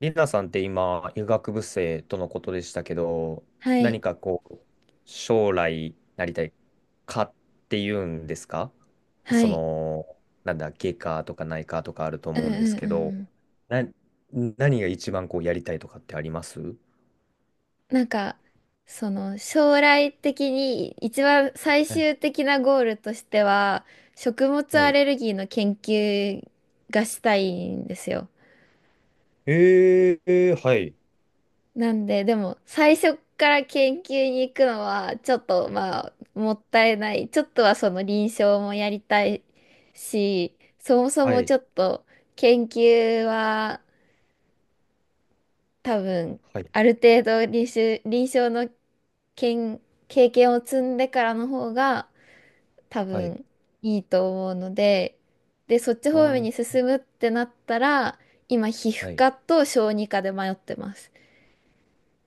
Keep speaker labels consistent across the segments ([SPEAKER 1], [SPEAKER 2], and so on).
[SPEAKER 1] リナさんって今、医学部生とのことでしたけど、
[SPEAKER 2] はい、
[SPEAKER 1] 何かこう、将来なりたいかっていうんですか。
[SPEAKER 2] は
[SPEAKER 1] そ
[SPEAKER 2] い。
[SPEAKER 1] の、なんだ、外科とか内科とかあると
[SPEAKER 2] うん
[SPEAKER 1] 思うん
[SPEAKER 2] う
[SPEAKER 1] で
[SPEAKER 2] ん
[SPEAKER 1] す
[SPEAKER 2] う
[SPEAKER 1] け
[SPEAKER 2] んう
[SPEAKER 1] ど、
[SPEAKER 2] ん。
[SPEAKER 1] な、何が一番こうやりたいとかってあります？
[SPEAKER 2] なんか、その、将来的に一番最
[SPEAKER 1] はい。
[SPEAKER 2] 終的なゴールとしては、食物
[SPEAKER 1] は
[SPEAKER 2] ア
[SPEAKER 1] い。
[SPEAKER 2] レルギーの研究がしたいんですよ。
[SPEAKER 1] はい。
[SPEAKER 2] なんで、でも、最初から研究に行くのは、ちょっと、まあ、もったいない。ちょっとはその臨床もやりたいし、そもそ
[SPEAKER 1] は
[SPEAKER 2] も
[SPEAKER 1] い。
[SPEAKER 2] ちょっと、研究は、多分、
[SPEAKER 1] はい。
[SPEAKER 2] ある程度臨床の経経験を積んでからの方が多
[SPEAKER 1] はい。
[SPEAKER 2] 分いいと思うので、で、そっち
[SPEAKER 1] あ
[SPEAKER 2] 方面
[SPEAKER 1] ー、
[SPEAKER 2] に進むってなったら、今、皮
[SPEAKER 1] は
[SPEAKER 2] 膚
[SPEAKER 1] い。
[SPEAKER 2] 科と小児科で迷ってます。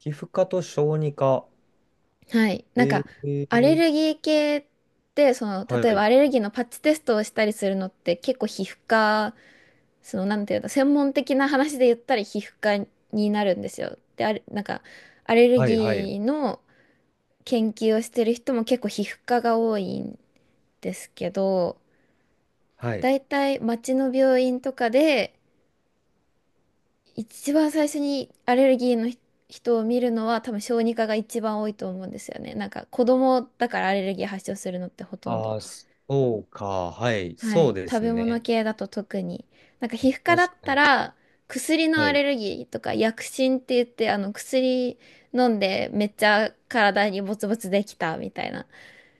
[SPEAKER 1] 皮膚科と小児科。
[SPEAKER 2] はい。なん
[SPEAKER 1] え
[SPEAKER 2] か、アレ
[SPEAKER 1] ー、
[SPEAKER 2] ルギー系って、その、
[SPEAKER 1] は
[SPEAKER 2] 例えば
[SPEAKER 1] い。
[SPEAKER 2] アレルギーのパッチテストをしたりするのって結構皮膚科、その、なんていうの、専門的な話で言ったら皮膚科になるんですよ。で、あれ、なんか、アレル
[SPEAKER 1] はい。はい。
[SPEAKER 2] ギーの研究をしてる人も結構皮膚科が多いんですけど、
[SPEAKER 1] はい。
[SPEAKER 2] だいたい町の病院とかで一番最初にアレルギーの人を見るのは多分小児科が一番多いと思うんですよね。なんか子供だからアレルギー発症するのってほとん
[SPEAKER 1] あ
[SPEAKER 2] ど。
[SPEAKER 1] あ、そうか。はい。
[SPEAKER 2] は
[SPEAKER 1] そう
[SPEAKER 2] い。
[SPEAKER 1] で
[SPEAKER 2] 食
[SPEAKER 1] す
[SPEAKER 2] べ物
[SPEAKER 1] ね。
[SPEAKER 2] 系だと特に。なんか皮膚科だっ
[SPEAKER 1] 確か
[SPEAKER 2] た
[SPEAKER 1] に。
[SPEAKER 2] ら薬の
[SPEAKER 1] は
[SPEAKER 2] ア
[SPEAKER 1] い。
[SPEAKER 2] レルギーとか薬疹って言ってあの薬飲んでめっちゃ体にボツボツできたみたいな。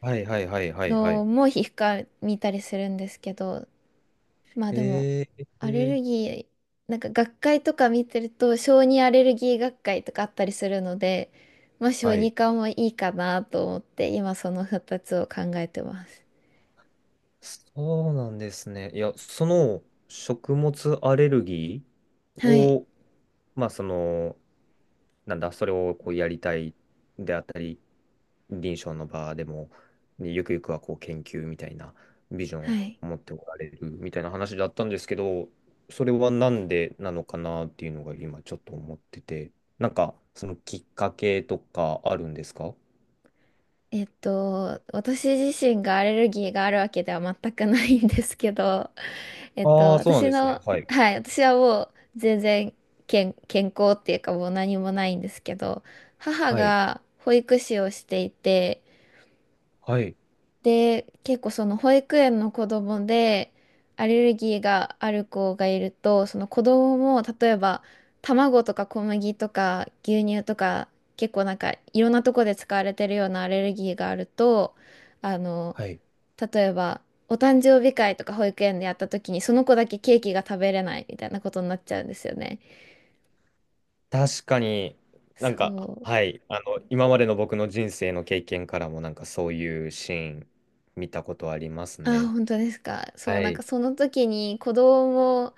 [SPEAKER 1] はいはいはいはいは
[SPEAKER 2] の
[SPEAKER 1] い。
[SPEAKER 2] も皮膚科見たりするんですけど、まあでも、
[SPEAKER 1] えー、
[SPEAKER 2] アレ
[SPEAKER 1] え
[SPEAKER 2] ル
[SPEAKER 1] ー
[SPEAKER 2] ギー、なんか学会とか見てると、小児アレルギー学会とかあったりするので、まあ
[SPEAKER 1] は
[SPEAKER 2] 小児
[SPEAKER 1] い。
[SPEAKER 2] 科もいいかなと思って、今その2つを考えてます。
[SPEAKER 1] そうなんですね。いや、その食物アレルギー
[SPEAKER 2] はい。
[SPEAKER 1] を、まあその、なんだ、それをこうやりたいであったり、臨床の場でも、ねゆくゆくはこう研究みたいなビジョン
[SPEAKER 2] は
[SPEAKER 1] を
[SPEAKER 2] い。
[SPEAKER 1] 持っておられるみたいな話だったんですけど、それはなんでなのかなっていうのが今ちょっと思ってて、なんかそのきっかけとかあるんですか？
[SPEAKER 2] えっと、私自身がアレルギーがあるわけでは全くないんですけど、えっと、
[SPEAKER 1] ああー、そうなん
[SPEAKER 2] 私
[SPEAKER 1] ですね。
[SPEAKER 2] の、
[SPEAKER 1] はい。
[SPEAKER 2] はい、私はもう全然健康っていうかもう何もないんですけど、母
[SPEAKER 1] はい。
[SPEAKER 2] が保育士をしていて、
[SPEAKER 1] はい。
[SPEAKER 2] で、結構その保育園の子供でアレルギーがある子がいると、その子供も例えば卵とか小麦とか牛乳とか結構なんかいろんなとこで使われてるようなアレルギーがあると、あの、
[SPEAKER 1] はい。
[SPEAKER 2] 例えばお誕生日会とか保育園でやった時にその子だけケーキが食べれないみたいなことになっちゃうんですよね。
[SPEAKER 1] 確かに。なん
[SPEAKER 2] そ
[SPEAKER 1] か、
[SPEAKER 2] う。
[SPEAKER 1] はい、あの、今までの僕の人生の経験からもなんかそういうシーン見たことあります
[SPEAKER 2] あ、
[SPEAKER 1] ね。
[SPEAKER 2] 本当ですか？そう、
[SPEAKER 1] は
[SPEAKER 2] なんか
[SPEAKER 1] い、
[SPEAKER 2] その時に子供も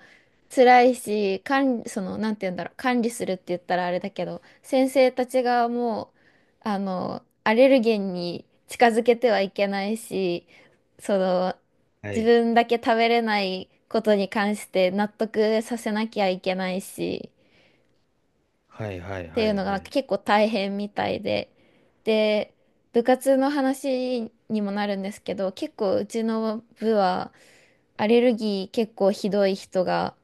[SPEAKER 2] 辛いし、管理、その、なんて言うんだろう、管理するって言ったらあれだけど、先生たちがもう、あの、アレルゲンに近づけてはいけないし、その、
[SPEAKER 1] は
[SPEAKER 2] 自
[SPEAKER 1] い、
[SPEAKER 2] 分だけ食べれないことに関して納得させなきゃいけないし、
[SPEAKER 1] はいはい
[SPEAKER 2] って
[SPEAKER 1] は
[SPEAKER 2] いう
[SPEAKER 1] い
[SPEAKER 2] のが
[SPEAKER 1] は
[SPEAKER 2] なんか
[SPEAKER 1] い、
[SPEAKER 2] 結構大変みたいで、で、部活の話にもなるんですけど、結構うちの部はアレルギー結構ひどい人が、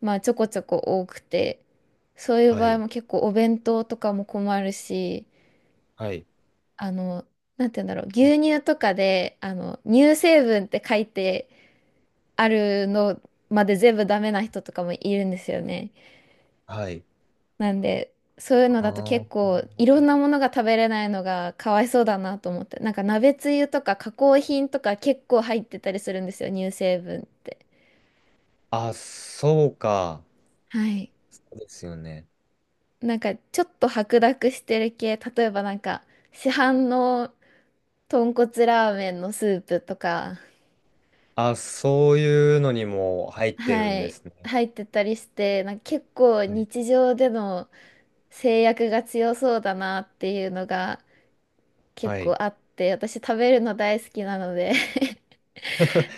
[SPEAKER 2] まあちょこちょこ多くて、そういう
[SPEAKER 1] は
[SPEAKER 2] 場合
[SPEAKER 1] い、
[SPEAKER 2] も結構お弁当とかも困るし、
[SPEAKER 1] はい、
[SPEAKER 2] あの、なんて言うんだろう、牛乳とかで、あの、乳成分って書いてあるのまで全部ダメな人とかもいるんですよね。
[SPEAKER 1] はい。
[SPEAKER 2] なんで、そういうのだと
[SPEAKER 1] あ
[SPEAKER 2] 結
[SPEAKER 1] ー
[SPEAKER 2] 構いろんなものが食べれないのがかわいそうだなと思って。なんか鍋つゆとか加工品とか結構入ってたりするんですよ、乳成分って。
[SPEAKER 1] あ、そうか。
[SPEAKER 2] はい。
[SPEAKER 1] そうですよね。
[SPEAKER 2] なんかちょっと白濁してる系、例えばなんか市販の豚骨ラーメンのスープとか、
[SPEAKER 1] あ、そういうのにも入ってるん
[SPEAKER 2] は
[SPEAKER 1] で
[SPEAKER 2] い、
[SPEAKER 1] すね。
[SPEAKER 2] 入ってたりして、なんか結構
[SPEAKER 1] はい。
[SPEAKER 2] 日常での制約が強そうだなっていうのが
[SPEAKER 1] は
[SPEAKER 2] 結構
[SPEAKER 1] い。
[SPEAKER 2] あって、私食べるの大好きなので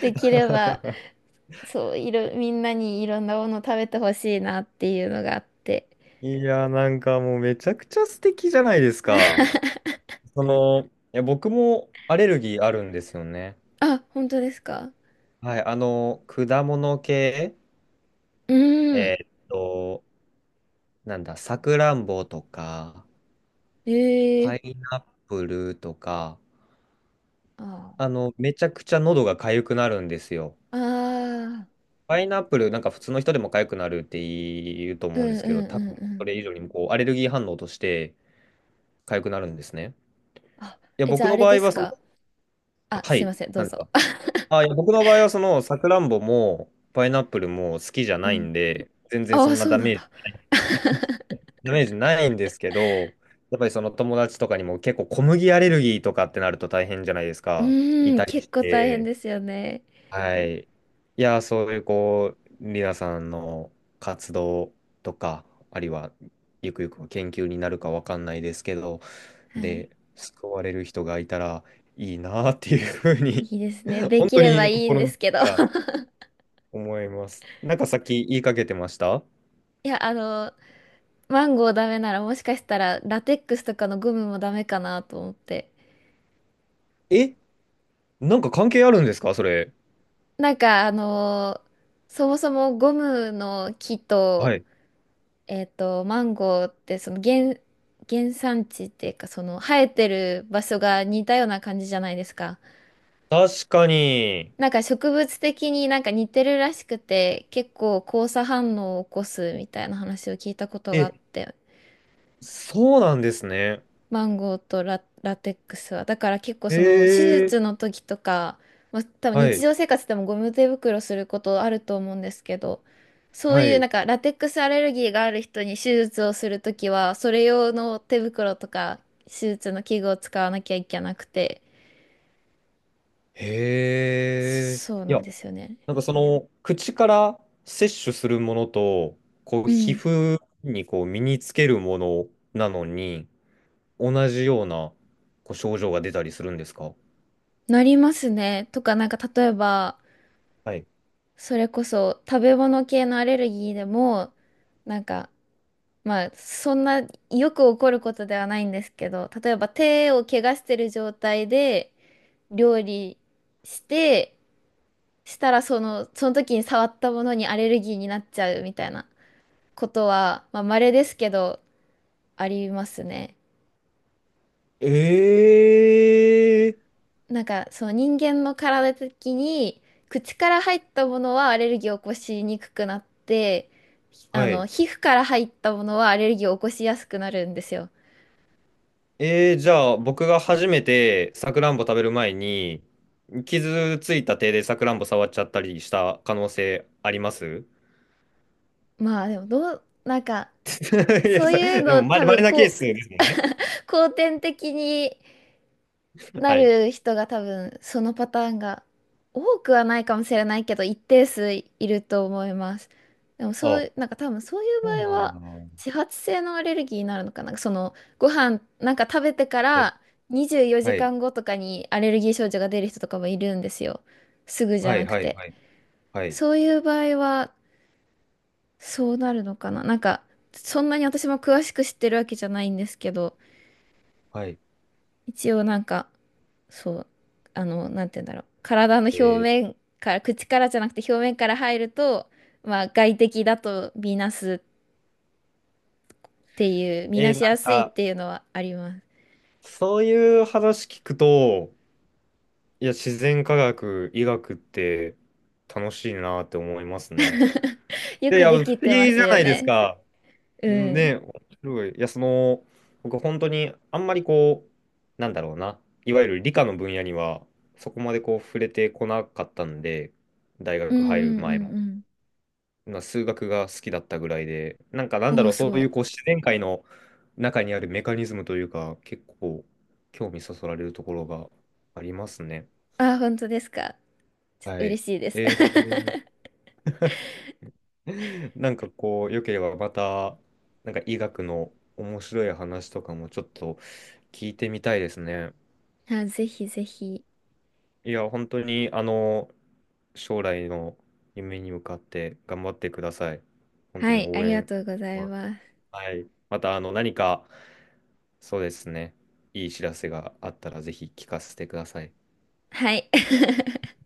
[SPEAKER 2] できれば、そう、みんなにいろんなもの食べてほしいなっていうのがあって。
[SPEAKER 1] いや、なんかもうめちゃくちゃ素敵じゃないですか。その、いや、僕もアレルギーあるんですよね。
[SPEAKER 2] あ、本当ですか？
[SPEAKER 1] はい、あの、果物系、
[SPEAKER 2] うーん。
[SPEAKER 1] えーっと、なんだ、さくらんぼとか、
[SPEAKER 2] え
[SPEAKER 1] パ
[SPEAKER 2] え。
[SPEAKER 1] イナップルとか、
[SPEAKER 2] あ
[SPEAKER 1] あの、めちゃくちゃ喉が痒くなるんですよ。
[SPEAKER 2] あ。ああ。
[SPEAKER 1] パイナップル、なんか普通の人でも痒くなるって言うと
[SPEAKER 2] う
[SPEAKER 1] 思うんで
[SPEAKER 2] んう
[SPEAKER 1] す
[SPEAKER 2] んう
[SPEAKER 1] けど、多
[SPEAKER 2] んう
[SPEAKER 1] 分そ
[SPEAKER 2] ん。
[SPEAKER 1] れ以上にもこう、アレルギー反応として痒くなるんですね。
[SPEAKER 2] あ、
[SPEAKER 1] いや、
[SPEAKER 2] え、じゃ
[SPEAKER 1] 僕
[SPEAKER 2] ああ
[SPEAKER 1] の
[SPEAKER 2] れ
[SPEAKER 1] 場
[SPEAKER 2] で
[SPEAKER 1] 合
[SPEAKER 2] す
[SPEAKER 1] はその、
[SPEAKER 2] か？あ、
[SPEAKER 1] は
[SPEAKER 2] すい
[SPEAKER 1] い、
[SPEAKER 2] ません、ど
[SPEAKER 1] な
[SPEAKER 2] う
[SPEAKER 1] んですか。
[SPEAKER 2] ぞ。
[SPEAKER 1] あ、いや、僕の場合はその、さくらんぼも、パイナップルも好きじゃ
[SPEAKER 2] う
[SPEAKER 1] ない
[SPEAKER 2] ん。
[SPEAKER 1] んで、全然
[SPEAKER 2] あ
[SPEAKER 1] そ
[SPEAKER 2] あ、
[SPEAKER 1] んな
[SPEAKER 2] そう
[SPEAKER 1] ダ
[SPEAKER 2] なん
[SPEAKER 1] メー
[SPEAKER 2] だ。
[SPEAKER 1] ジダメージないんですけど、やっぱりその友達とかにも結構小麦アレルギーとかってなると大変じゃないです
[SPEAKER 2] う
[SPEAKER 1] か。い
[SPEAKER 2] ーん、
[SPEAKER 1] たり
[SPEAKER 2] 結
[SPEAKER 1] し
[SPEAKER 2] 構大変
[SPEAKER 1] て。
[SPEAKER 2] ですよね。
[SPEAKER 1] はい。いや、そういうこう、リナさんの活動とか、あるいはゆくゆくは研究になるかわかんないですけど、
[SPEAKER 2] は
[SPEAKER 1] で、
[SPEAKER 2] い。
[SPEAKER 1] 救われる人がいたらいいなっていうふうに。
[SPEAKER 2] いいですね。で
[SPEAKER 1] 本
[SPEAKER 2] き
[SPEAKER 1] 当
[SPEAKER 2] れば
[SPEAKER 1] に
[SPEAKER 2] いいん
[SPEAKER 1] 心
[SPEAKER 2] で
[SPEAKER 1] の
[SPEAKER 2] す
[SPEAKER 1] 底
[SPEAKER 2] けど。
[SPEAKER 1] か ら思います。なんかさっき言いかけてました。
[SPEAKER 2] いや、あの、マンゴーダメならもしかしたらラテックスとかのゴムもダメかなと思って。
[SPEAKER 1] え、なんか関係あるんですかそれ。
[SPEAKER 2] なんかあのーそもそもゴムの木
[SPEAKER 1] は
[SPEAKER 2] と、
[SPEAKER 1] い。
[SPEAKER 2] えっと、マンゴーってその原、原産地っていうかその生えてる場所が似たような感じじゃないですか。
[SPEAKER 1] 確かに。
[SPEAKER 2] なんか植物的になんか似てるらしくて結構交差反応を起こすみたいな話を聞いたことがあ
[SPEAKER 1] え、
[SPEAKER 2] って
[SPEAKER 1] そうなんですね。
[SPEAKER 2] マンゴーとラテックスは。だから結構その手
[SPEAKER 1] ええ。
[SPEAKER 2] 術の時とか、まあ、多分
[SPEAKER 1] は
[SPEAKER 2] 日
[SPEAKER 1] い、
[SPEAKER 2] 常生活でもゴム手袋することあると思うんですけど、そう
[SPEAKER 1] は
[SPEAKER 2] いうな
[SPEAKER 1] い。
[SPEAKER 2] んかラテックスアレルギーがある人に手術をするときは、それ用の手袋とか手術の器具を使わなきゃいけなくて、
[SPEAKER 1] へえ。
[SPEAKER 2] そう
[SPEAKER 1] い
[SPEAKER 2] なん
[SPEAKER 1] や、
[SPEAKER 2] ですよね。
[SPEAKER 1] なんかその、口から摂取するものと、こう、
[SPEAKER 2] う
[SPEAKER 1] 皮
[SPEAKER 2] ん。
[SPEAKER 1] 膚にこう、身につけるものなのに、同じような、こう、症状が出たりするんですか？
[SPEAKER 2] なりますね。とかなんか例えば、
[SPEAKER 1] はい。
[SPEAKER 2] それこそ食べ物系のアレルギーでも、なんかまあ、そんなよく起こることではないんですけど、例えば手を怪我してる状態で料理して、したらその、その時に触ったものにアレルギーになっちゃうみたいなことは、まあ、稀ですけど、ありますね。
[SPEAKER 1] ええ。
[SPEAKER 2] なんか、その人間の体的に、口から入ったものはアレルギーを起こしにくくなって、あ
[SPEAKER 1] は
[SPEAKER 2] の、
[SPEAKER 1] い。
[SPEAKER 2] 皮膚から入ったものはアレルギーを起こしやすくなるんですよ。
[SPEAKER 1] えー、じゃあ僕が初めてさくらんぼ食べる前に傷ついた手でさくらんぼ触っちゃったりした可能性あります？
[SPEAKER 2] まあでもどう、なんか
[SPEAKER 1] い
[SPEAKER 2] そ
[SPEAKER 1] や、
[SPEAKER 2] う
[SPEAKER 1] さ
[SPEAKER 2] いう
[SPEAKER 1] でも
[SPEAKER 2] の
[SPEAKER 1] ま
[SPEAKER 2] 多
[SPEAKER 1] れ、
[SPEAKER 2] 分
[SPEAKER 1] 稀なケー
[SPEAKER 2] こう、
[SPEAKER 1] スですもんね。
[SPEAKER 2] 後天的にな
[SPEAKER 1] はい。
[SPEAKER 2] る人が多分そのパターンが多くはないかもしれないけど一定数いると思います。でもそうい
[SPEAKER 1] あ、
[SPEAKER 2] う、なんか多分そうい
[SPEAKER 1] そう
[SPEAKER 2] う場
[SPEAKER 1] な
[SPEAKER 2] 合
[SPEAKER 1] ん
[SPEAKER 2] は
[SPEAKER 1] だ。は
[SPEAKER 2] 自発性のアレルギーになるのかな。そのご飯なんか食べてか
[SPEAKER 1] い。
[SPEAKER 2] ら24時
[SPEAKER 1] は
[SPEAKER 2] 間後とかにアレルギー症状が出る人とかもいるんですよ。すぐ
[SPEAKER 1] い。
[SPEAKER 2] じゃ
[SPEAKER 1] はい。
[SPEAKER 2] なく
[SPEAKER 1] は
[SPEAKER 2] て。
[SPEAKER 1] い。はい。
[SPEAKER 2] そういう場合はそうなるのかな。なんかそんなに私も詳しく知ってるわけじゃないんですけど。
[SPEAKER 1] はい。
[SPEAKER 2] 一応なんか、そう、あの、なんて言うんだろう。体の
[SPEAKER 1] え
[SPEAKER 2] 表
[SPEAKER 1] ー、
[SPEAKER 2] 面から、口からじゃなくて表面から入ると、まあ外敵だと見なすっていう、見な
[SPEAKER 1] な
[SPEAKER 2] しや
[SPEAKER 1] ん
[SPEAKER 2] すいっ
[SPEAKER 1] か、
[SPEAKER 2] ていうのはあります。
[SPEAKER 1] そういう話聞くと、いや、自然科学、医学って楽しいなって思いますね。
[SPEAKER 2] よ
[SPEAKER 1] でい
[SPEAKER 2] く
[SPEAKER 1] や、不
[SPEAKER 2] で
[SPEAKER 1] 思
[SPEAKER 2] きてま
[SPEAKER 1] 議じ
[SPEAKER 2] す
[SPEAKER 1] ゃ
[SPEAKER 2] よ
[SPEAKER 1] ないです
[SPEAKER 2] ね。
[SPEAKER 1] か。
[SPEAKER 2] うん。
[SPEAKER 1] ね、面白い。僕本当にあんまりこう、なんだろうな、いわゆる理科の分野にはそこまでこう触れてこなかったんで、大
[SPEAKER 2] うん
[SPEAKER 1] 学入る
[SPEAKER 2] うん
[SPEAKER 1] 前も、
[SPEAKER 2] うん
[SPEAKER 1] まあ、数学が好きだったぐらいで、なんかなん
[SPEAKER 2] うん。
[SPEAKER 1] だ
[SPEAKER 2] おお、
[SPEAKER 1] ろう、
[SPEAKER 2] す
[SPEAKER 1] そう
[SPEAKER 2] ご
[SPEAKER 1] い
[SPEAKER 2] い。
[SPEAKER 1] うこう自然界の中にあるメカニズムというか、結構興味そそられるところがありますね。
[SPEAKER 2] あ、本当ですか？ちょっと
[SPEAKER 1] はい。
[SPEAKER 2] 嬉しいです。
[SPEAKER 1] えー。 なんかこう、良ければまた、なんか医学の面白い話とかもちょっと聞いてみたいですね。
[SPEAKER 2] あ、ぜひぜひ。
[SPEAKER 1] いや、本当に、あの、将来の夢に向かって頑張ってください。本当
[SPEAKER 2] は
[SPEAKER 1] に
[SPEAKER 2] い、あ
[SPEAKER 1] 応
[SPEAKER 2] りが
[SPEAKER 1] 援
[SPEAKER 2] とうご
[SPEAKER 1] して
[SPEAKER 2] ざい
[SPEAKER 1] ます。
[SPEAKER 2] ます。
[SPEAKER 1] はい。また、あの、何か、そうですね、いい知らせがあったら、ぜひ聞かせてください。
[SPEAKER 2] はい。